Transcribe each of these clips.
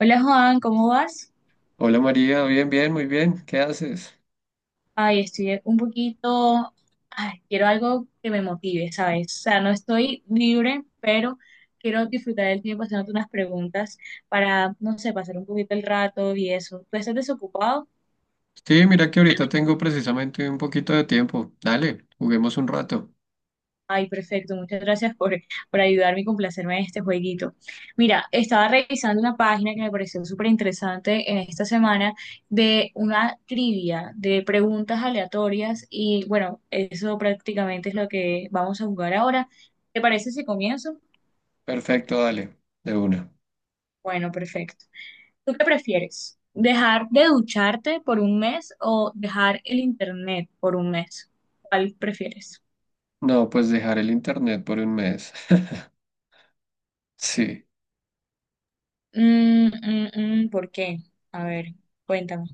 Hola Juan, ¿cómo vas? Hola María, bien, bien, muy bien. ¿Qué haces? Ay, estoy un poquito, ay, quiero algo que me motive, ¿sabes? O sea, no estoy libre, pero quiero disfrutar del tiempo haciéndote unas preguntas para, no sé, pasar un poquito el rato y eso. ¿Tú estás desocupado? Sí, mira que ahorita tengo precisamente un poquito de tiempo. Dale, juguemos un rato. Ay, perfecto, muchas gracias por ayudarme y complacerme en este jueguito. Mira, estaba revisando una página que me pareció súper interesante en esta semana de una trivia de preguntas aleatorias y bueno, eso prácticamente es lo que vamos a jugar ahora. ¿Te parece si comienzo? Perfecto, dale, de una. Bueno, perfecto. ¿Tú qué prefieres? ¿Dejar de ducharte por un mes o dejar el internet por un mes? ¿Cuál prefieres? No, pues dejar el internet por un mes. Sí. Mm, mm, ¿Por qué? A ver, cuéntame.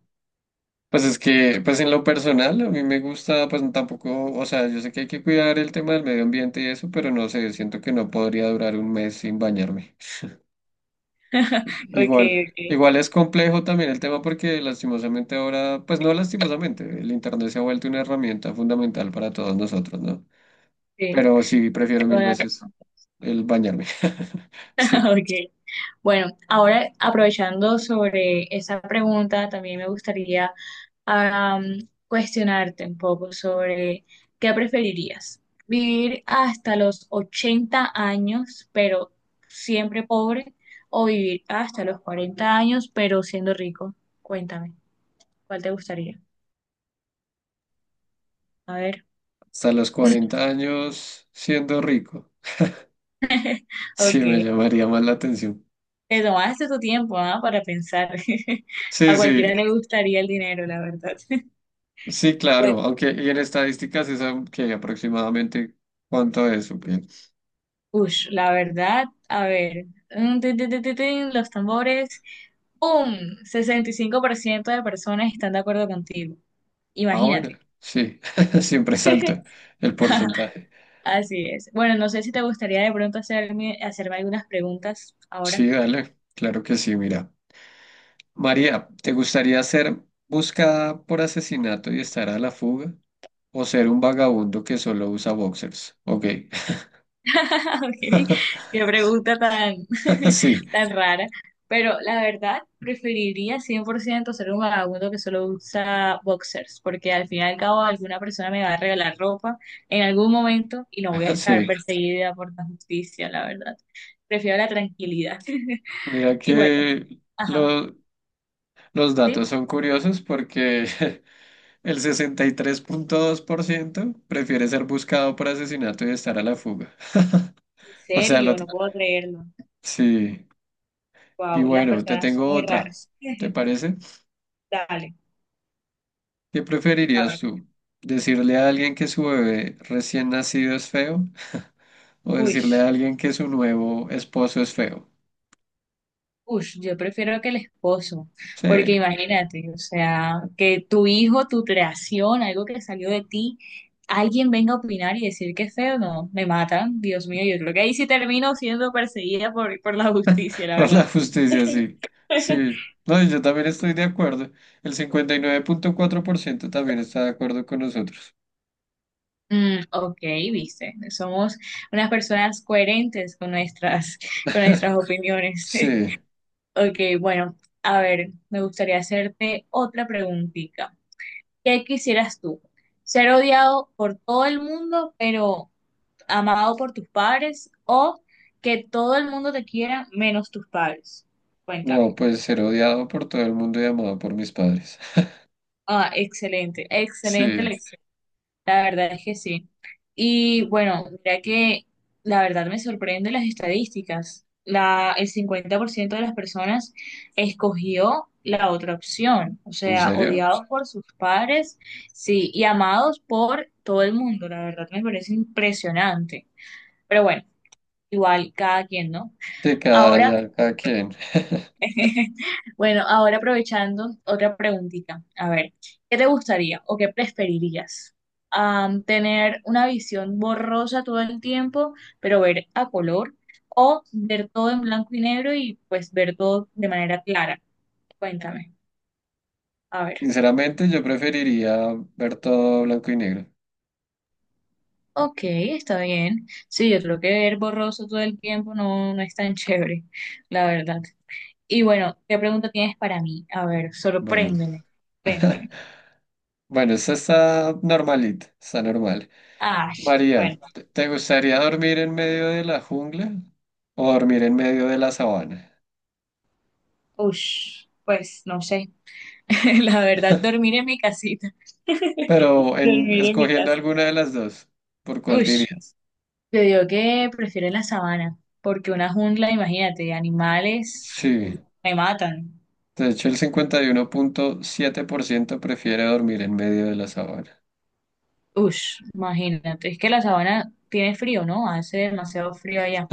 Pues es que, pues en lo personal, a mí me gusta, pues tampoco, o sea, yo sé que hay que cuidar el tema del medio ambiente y eso, pero no sé, siento que no podría durar un mes sin bañarme. Ok, Igual, ok, igual es complejo también el tema porque lastimosamente ahora, pues no lastimosamente, el internet se ha vuelto una herramienta fundamental para todos nosotros, ¿no? sí, Pero sí, prefiero mil toda la veces razón. el bañarme. Sí, Ok, bueno, ahora aprovechando sobre esa pregunta, también me gustaría cuestionarte un poco sobre qué preferirías, vivir hasta los 80 años, pero siempre pobre, o vivir hasta los 40 años, pero siendo rico. Cuéntame, ¿cuál te gustaría? A ver. hasta los 40 años siendo rico, sí me Ok. llamaría más la atención. Te tomaste tu tiempo, ¿ah? Para pensar. Sí, A cualquiera sí, le gustaría el dinero, la verdad. sí, Bueno, claro, aunque y en estadísticas es que aproximadamente cuánto es, ¿o qué? ush, la verdad, a ver. Mm, tin, tin, tin, tin, tin, los tambores. ¡Pum! 65% de personas están de acuerdo contigo. Ah, bueno, Imagínate. sí, siempre salta el porcentaje. Así es. Bueno, no sé si te gustaría de pronto hacerme algunas preguntas ahora. Sí, dale, claro que sí, mira. María, ¿te gustaría ser buscada por asesinato y estar a la fuga? ¿O ser un vagabundo que solo usa boxers? Ok, Okay. Qué pregunta tan, sí, tan rara. Pero la verdad, preferiría 100% ser un vagabundo que solo usa boxers, porque al fin y al cabo alguna persona me va a regalar ropa en algún momento y no voy a estar sí. perseguida por la justicia, la verdad. Prefiero la tranquilidad. Mira Y bueno, que ajá, los ¿sí? datos son curiosos porque el 63.2% prefiere ser buscado por asesinato y estar a la fuga. En O sea, lo serio, no puedo creerlo. sí. Y Wow, las bueno, te personas son tengo muy otra. raras. ¿Te parece? Dale, ¿Qué a preferirías ver. tú? ¿Decirle a alguien que su bebé recién nacido es feo? O Uy. decirle a alguien que su nuevo esposo es feo. Ush, yo prefiero que el esposo, porque Sí, imagínate, o sea, que tu hijo, tu creación, algo que salió de ti, alguien venga a opinar y decir que es feo, no, me matan, Dios mío, yo creo que ahí sí termino siendo perseguida por la justicia, la por verdad. la justicia, sí. Sí. No, y yo también estoy de acuerdo. El 59,4% también está de acuerdo con nosotros. Mm, ok, viste, somos unas personas coherentes con con nuestras opiniones. Sí. Ok, bueno, a ver, me gustaría hacerte otra preguntita. ¿Qué quisieras tú? ¿Ser odiado por todo el mundo, pero amado por tus padres? ¿O que todo el mundo te quiera menos tus padres? Cuéntame. No, pues ser odiado por todo el mundo y amado por mis padres. Ah, excelente, excelente Sí. elección. La verdad es que sí. Y bueno, mira que la verdad me sorprende las estadísticas. La, el 50% de las personas escogió la otra opción, o ¿En sea, serio? odiados por sus padres, sí, y amados por todo el mundo. La verdad me parece impresionante. Pero bueno, igual cada quien, ¿no? De cada, Ahora ya, cada quien. bueno, ahora aprovechando otra preguntita. A ver, ¿qué te gustaría o qué preferirías? ¿Tener una visión borrosa todo el tiempo, pero ver a color? ¿O ver todo en blanco y negro y pues ver todo de manera clara? Cuéntame. A ver. Sinceramente, yo preferiría ver todo blanco y negro. Ok, está bien. Sí, yo creo que ver borroso todo el tiempo no, no es tan chévere, la verdad. Y bueno, ¿qué pregunta tienes para mí? A ver, Bueno. sorpréndeme. Sorpréndeme. Bueno, esta está normalita, está normal. Ah, María, bueno. ¿te gustaría dormir en medio de la jungla o dormir en medio de la sabana? Ush, pues no sé. La verdad, dormir en mi casita. Pero en Dormir en mi escogiendo casa. alguna de las dos, ¿por cuál Ush, dirías? yo digo que prefiero la sabana, porque una jungla, imagínate, animales Sí, me matan. de hecho el 51,7% prefiere dormir en medio de la sabana. Ush, imagínate. Es que la sabana tiene frío, ¿no? Hace demasiado frío allá.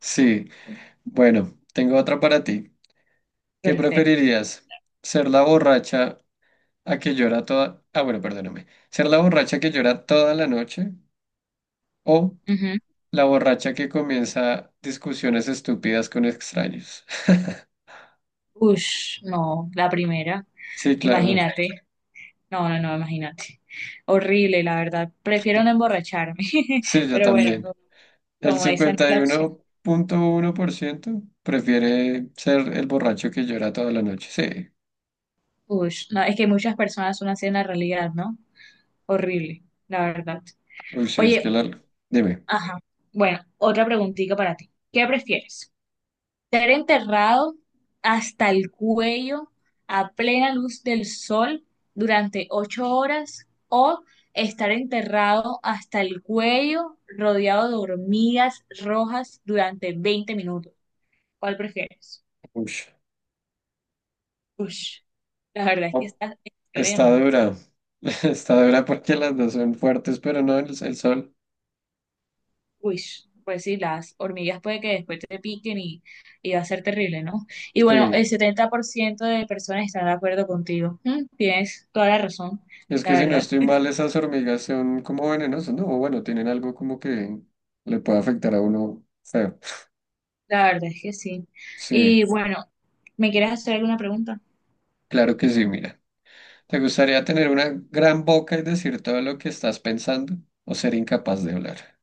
Sí, bueno, tengo otra para ti. ¿Qué Perfecto. preferirías? ¿Ser la borracha a que llora toda... Ah, bueno, perdóname. ¿Ser la borracha que llora toda la noche? O Ujú. La borracha que comienza discusiones estúpidas con extraños. Ush, no, la primera. Sí, claro. Imagínate. No, no, no, imagínate. Horrible, la verdad. Prefiero no emborracharme. Sí, yo Pero bueno, también. El como esa no es cincuenta y la uno opción. Punto uno por ciento prefiere ser el borracho que llora toda la noche. Sí. Ush, no, es que muchas personas son así en la realidad, ¿no? Horrible, la verdad. Uy, sí, es que Oye, la... Dime. ajá. Bueno, otra preguntita para ti. ¿Qué prefieres? ¿Ser enterrado hasta el cuello a plena luz del sol durante 8 horas o estar enterrado hasta el cuello rodeado de hormigas rojas durante 20 minutos? ¿Cuál prefieres? Uy. Ush, la verdad es que Oh, está está extremo, ¿no? dura. Está dura porque las dos son fuertes, pero no el sol. Uy, pues sí, las hormigas puede que después te piquen y va a ser terrible, ¿no? Y bueno, Sí. el 70% de personas están de acuerdo contigo. Tienes toda la razón, Es que la si no verdad, estoy mal, esas hormigas son como venenosas, ¿no? O bueno, tienen algo como que le puede afectar a uno feo. la verdad es que sí. Sí. Y bueno, ¿me quieres hacer alguna pregunta? Claro que sí, mira. ¿Te gustaría tener una gran boca y decir todo lo que estás pensando o ser incapaz de hablar?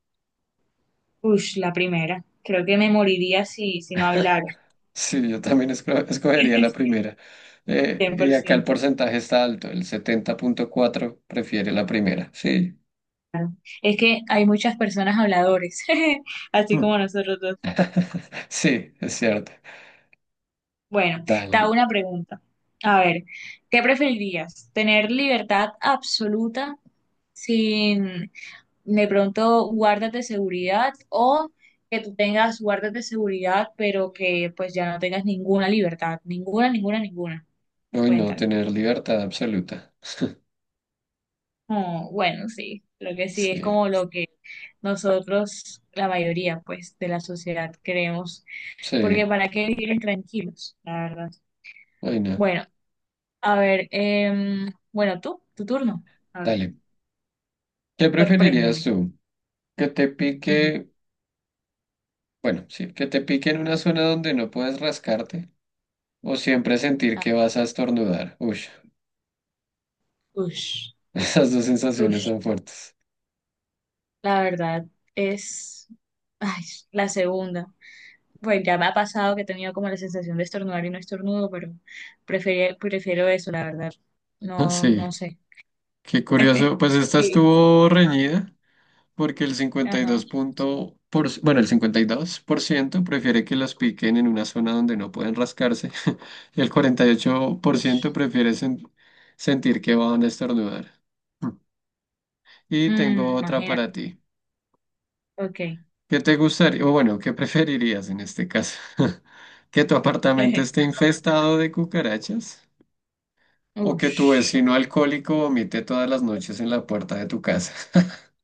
Uy, la primera. Creo que me moriría si no hablara. Sí, yo también escogería la primera. Cien por Y acá el ciento porcentaje está alto, el 70.4 prefiere la primera. Sí, Es que hay muchas personas habladores, así Hmm. como nosotros dos. sí, es cierto. Bueno, te hago Dale. una pregunta. A ver, ¿qué preferirías? ¿Tener libertad absoluta sin de pronto guardas de seguridad o que tú tengas guardas de seguridad pero que pues ya no tengas ninguna libertad? Ninguna, ninguna, ninguna. Uy, no, Cuéntale. tener libertad absoluta. Oh, bueno, sí, lo que sí, es Sí, como lo que nosotros, la mayoría pues de la sociedad queremos, porque sí, ¿para qué vivir tranquilos? La verdad. uy, no. Bueno. A ver, bueno, tú, tu turno. A ver, Dale. ¿Qué preferirías sorpréndeme. tú? ¿Que te Ujú. pique, bueno, sí, que te pique en una zona donde no puedes rascarte? O siempre sentir que vas a estornudar. Uy, Ush, esas dos sensaciones ush. son fuertes. La verdad es, ay, la segunda. Pues ya me ha pasado que he tenido como la sensación de estornudar y no estornudo, pero prefiero eso, la verdad. Ah, No, no Sí, sé. qué curioso. Pues esta Sí. estuvo reñida porque Ajá. El 52% prefiere que las piquen en una zona donde no pueden rascarse y el 48% prefiere sentir que van a estornudar. Mm. Y tengo Mm, otra imagina. para ti. Ok. ¿Qué te gustaría, o bueno, qué preferirías en este caso? ¿Que tu apartamento esté infestado de cucarachas? O que tu Ush, vecino alcohólico vomite todas las noches en la puerta de tu casa.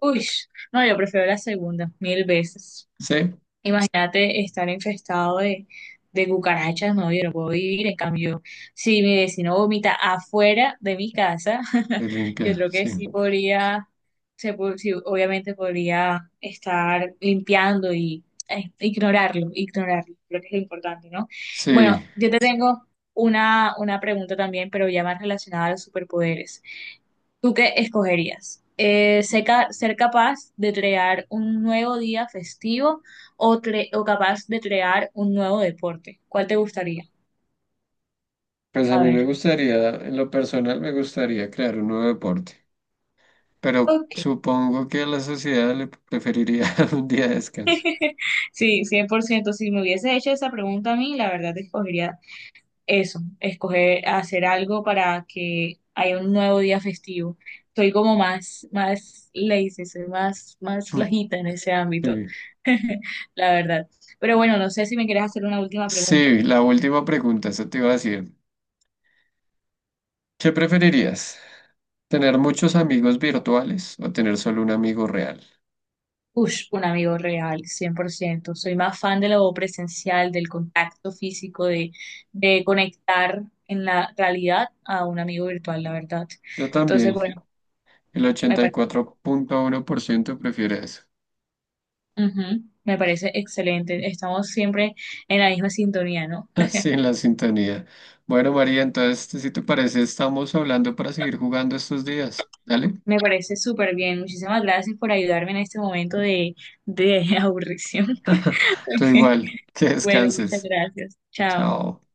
ush. No, yo prefiero la segunda, mil veces. Sí, Imagínate estar infestado de cucarachas, no, yo no puedo vivir. En cambio, si mi vecino vomita afuera de mi casa, se yo limpia, creo que sí. sí podría, sí, obviamente podría estar limpiando y ignorarlo, ignorarlo, creo que es lo importante, ¿no? Sí, Bueno, yo te tengo una pregunta también, pero ya más relacionada a los superpoderes. ¿Tú qué escogerías? Ser capaz de crear un nuevo día festivo o capaz de crear un nuevo deporte. ¿Cuál te gustaría? pues a A mí me ver. gustaría, en lo personal me gustaría crear un nuevo deporte, pero Ok. supongo que a la sociedad le preferiría un día de descanso. Sí, 100%. Si me hubiese hecho esa pregunta a mí, la verdad escogería eso, escoger hacer algo para que haya un nuevo día festivo. Soy como más, más lazy, soy más, más flojita en ese ámbito, Sí. la verdad. Pero bueno, no sé si me quieres hacer una última pregunta. Sí, la última pregunta, eso te iba a decir. ¿Qué preferirías? ¿Tener muchos amigos virtuales o tener solo un amigo real? Ush, un amigo real, 100%. Soy más fan de lo presencial, del contacto físico, de, conectar en la realidad a un amigo virtual, la verdad. Yo Entonces, también, bueno, el me ochenta y parece, cuatro punto uno por ciento prefiere eso. me parece excelente. Estamos siempre en la misma sintonía, ¿no? Sí, en la sintonía. Bueno, María, entonces, este, si te parece, estamos hablando para seguir jugando estos días. Dale. Me parece súper bien. Muchísimas gracias por ayudarme en este momento de, aburrición. Tú igual, que Bueno, muchas descanses. gracias. Chao. Chao.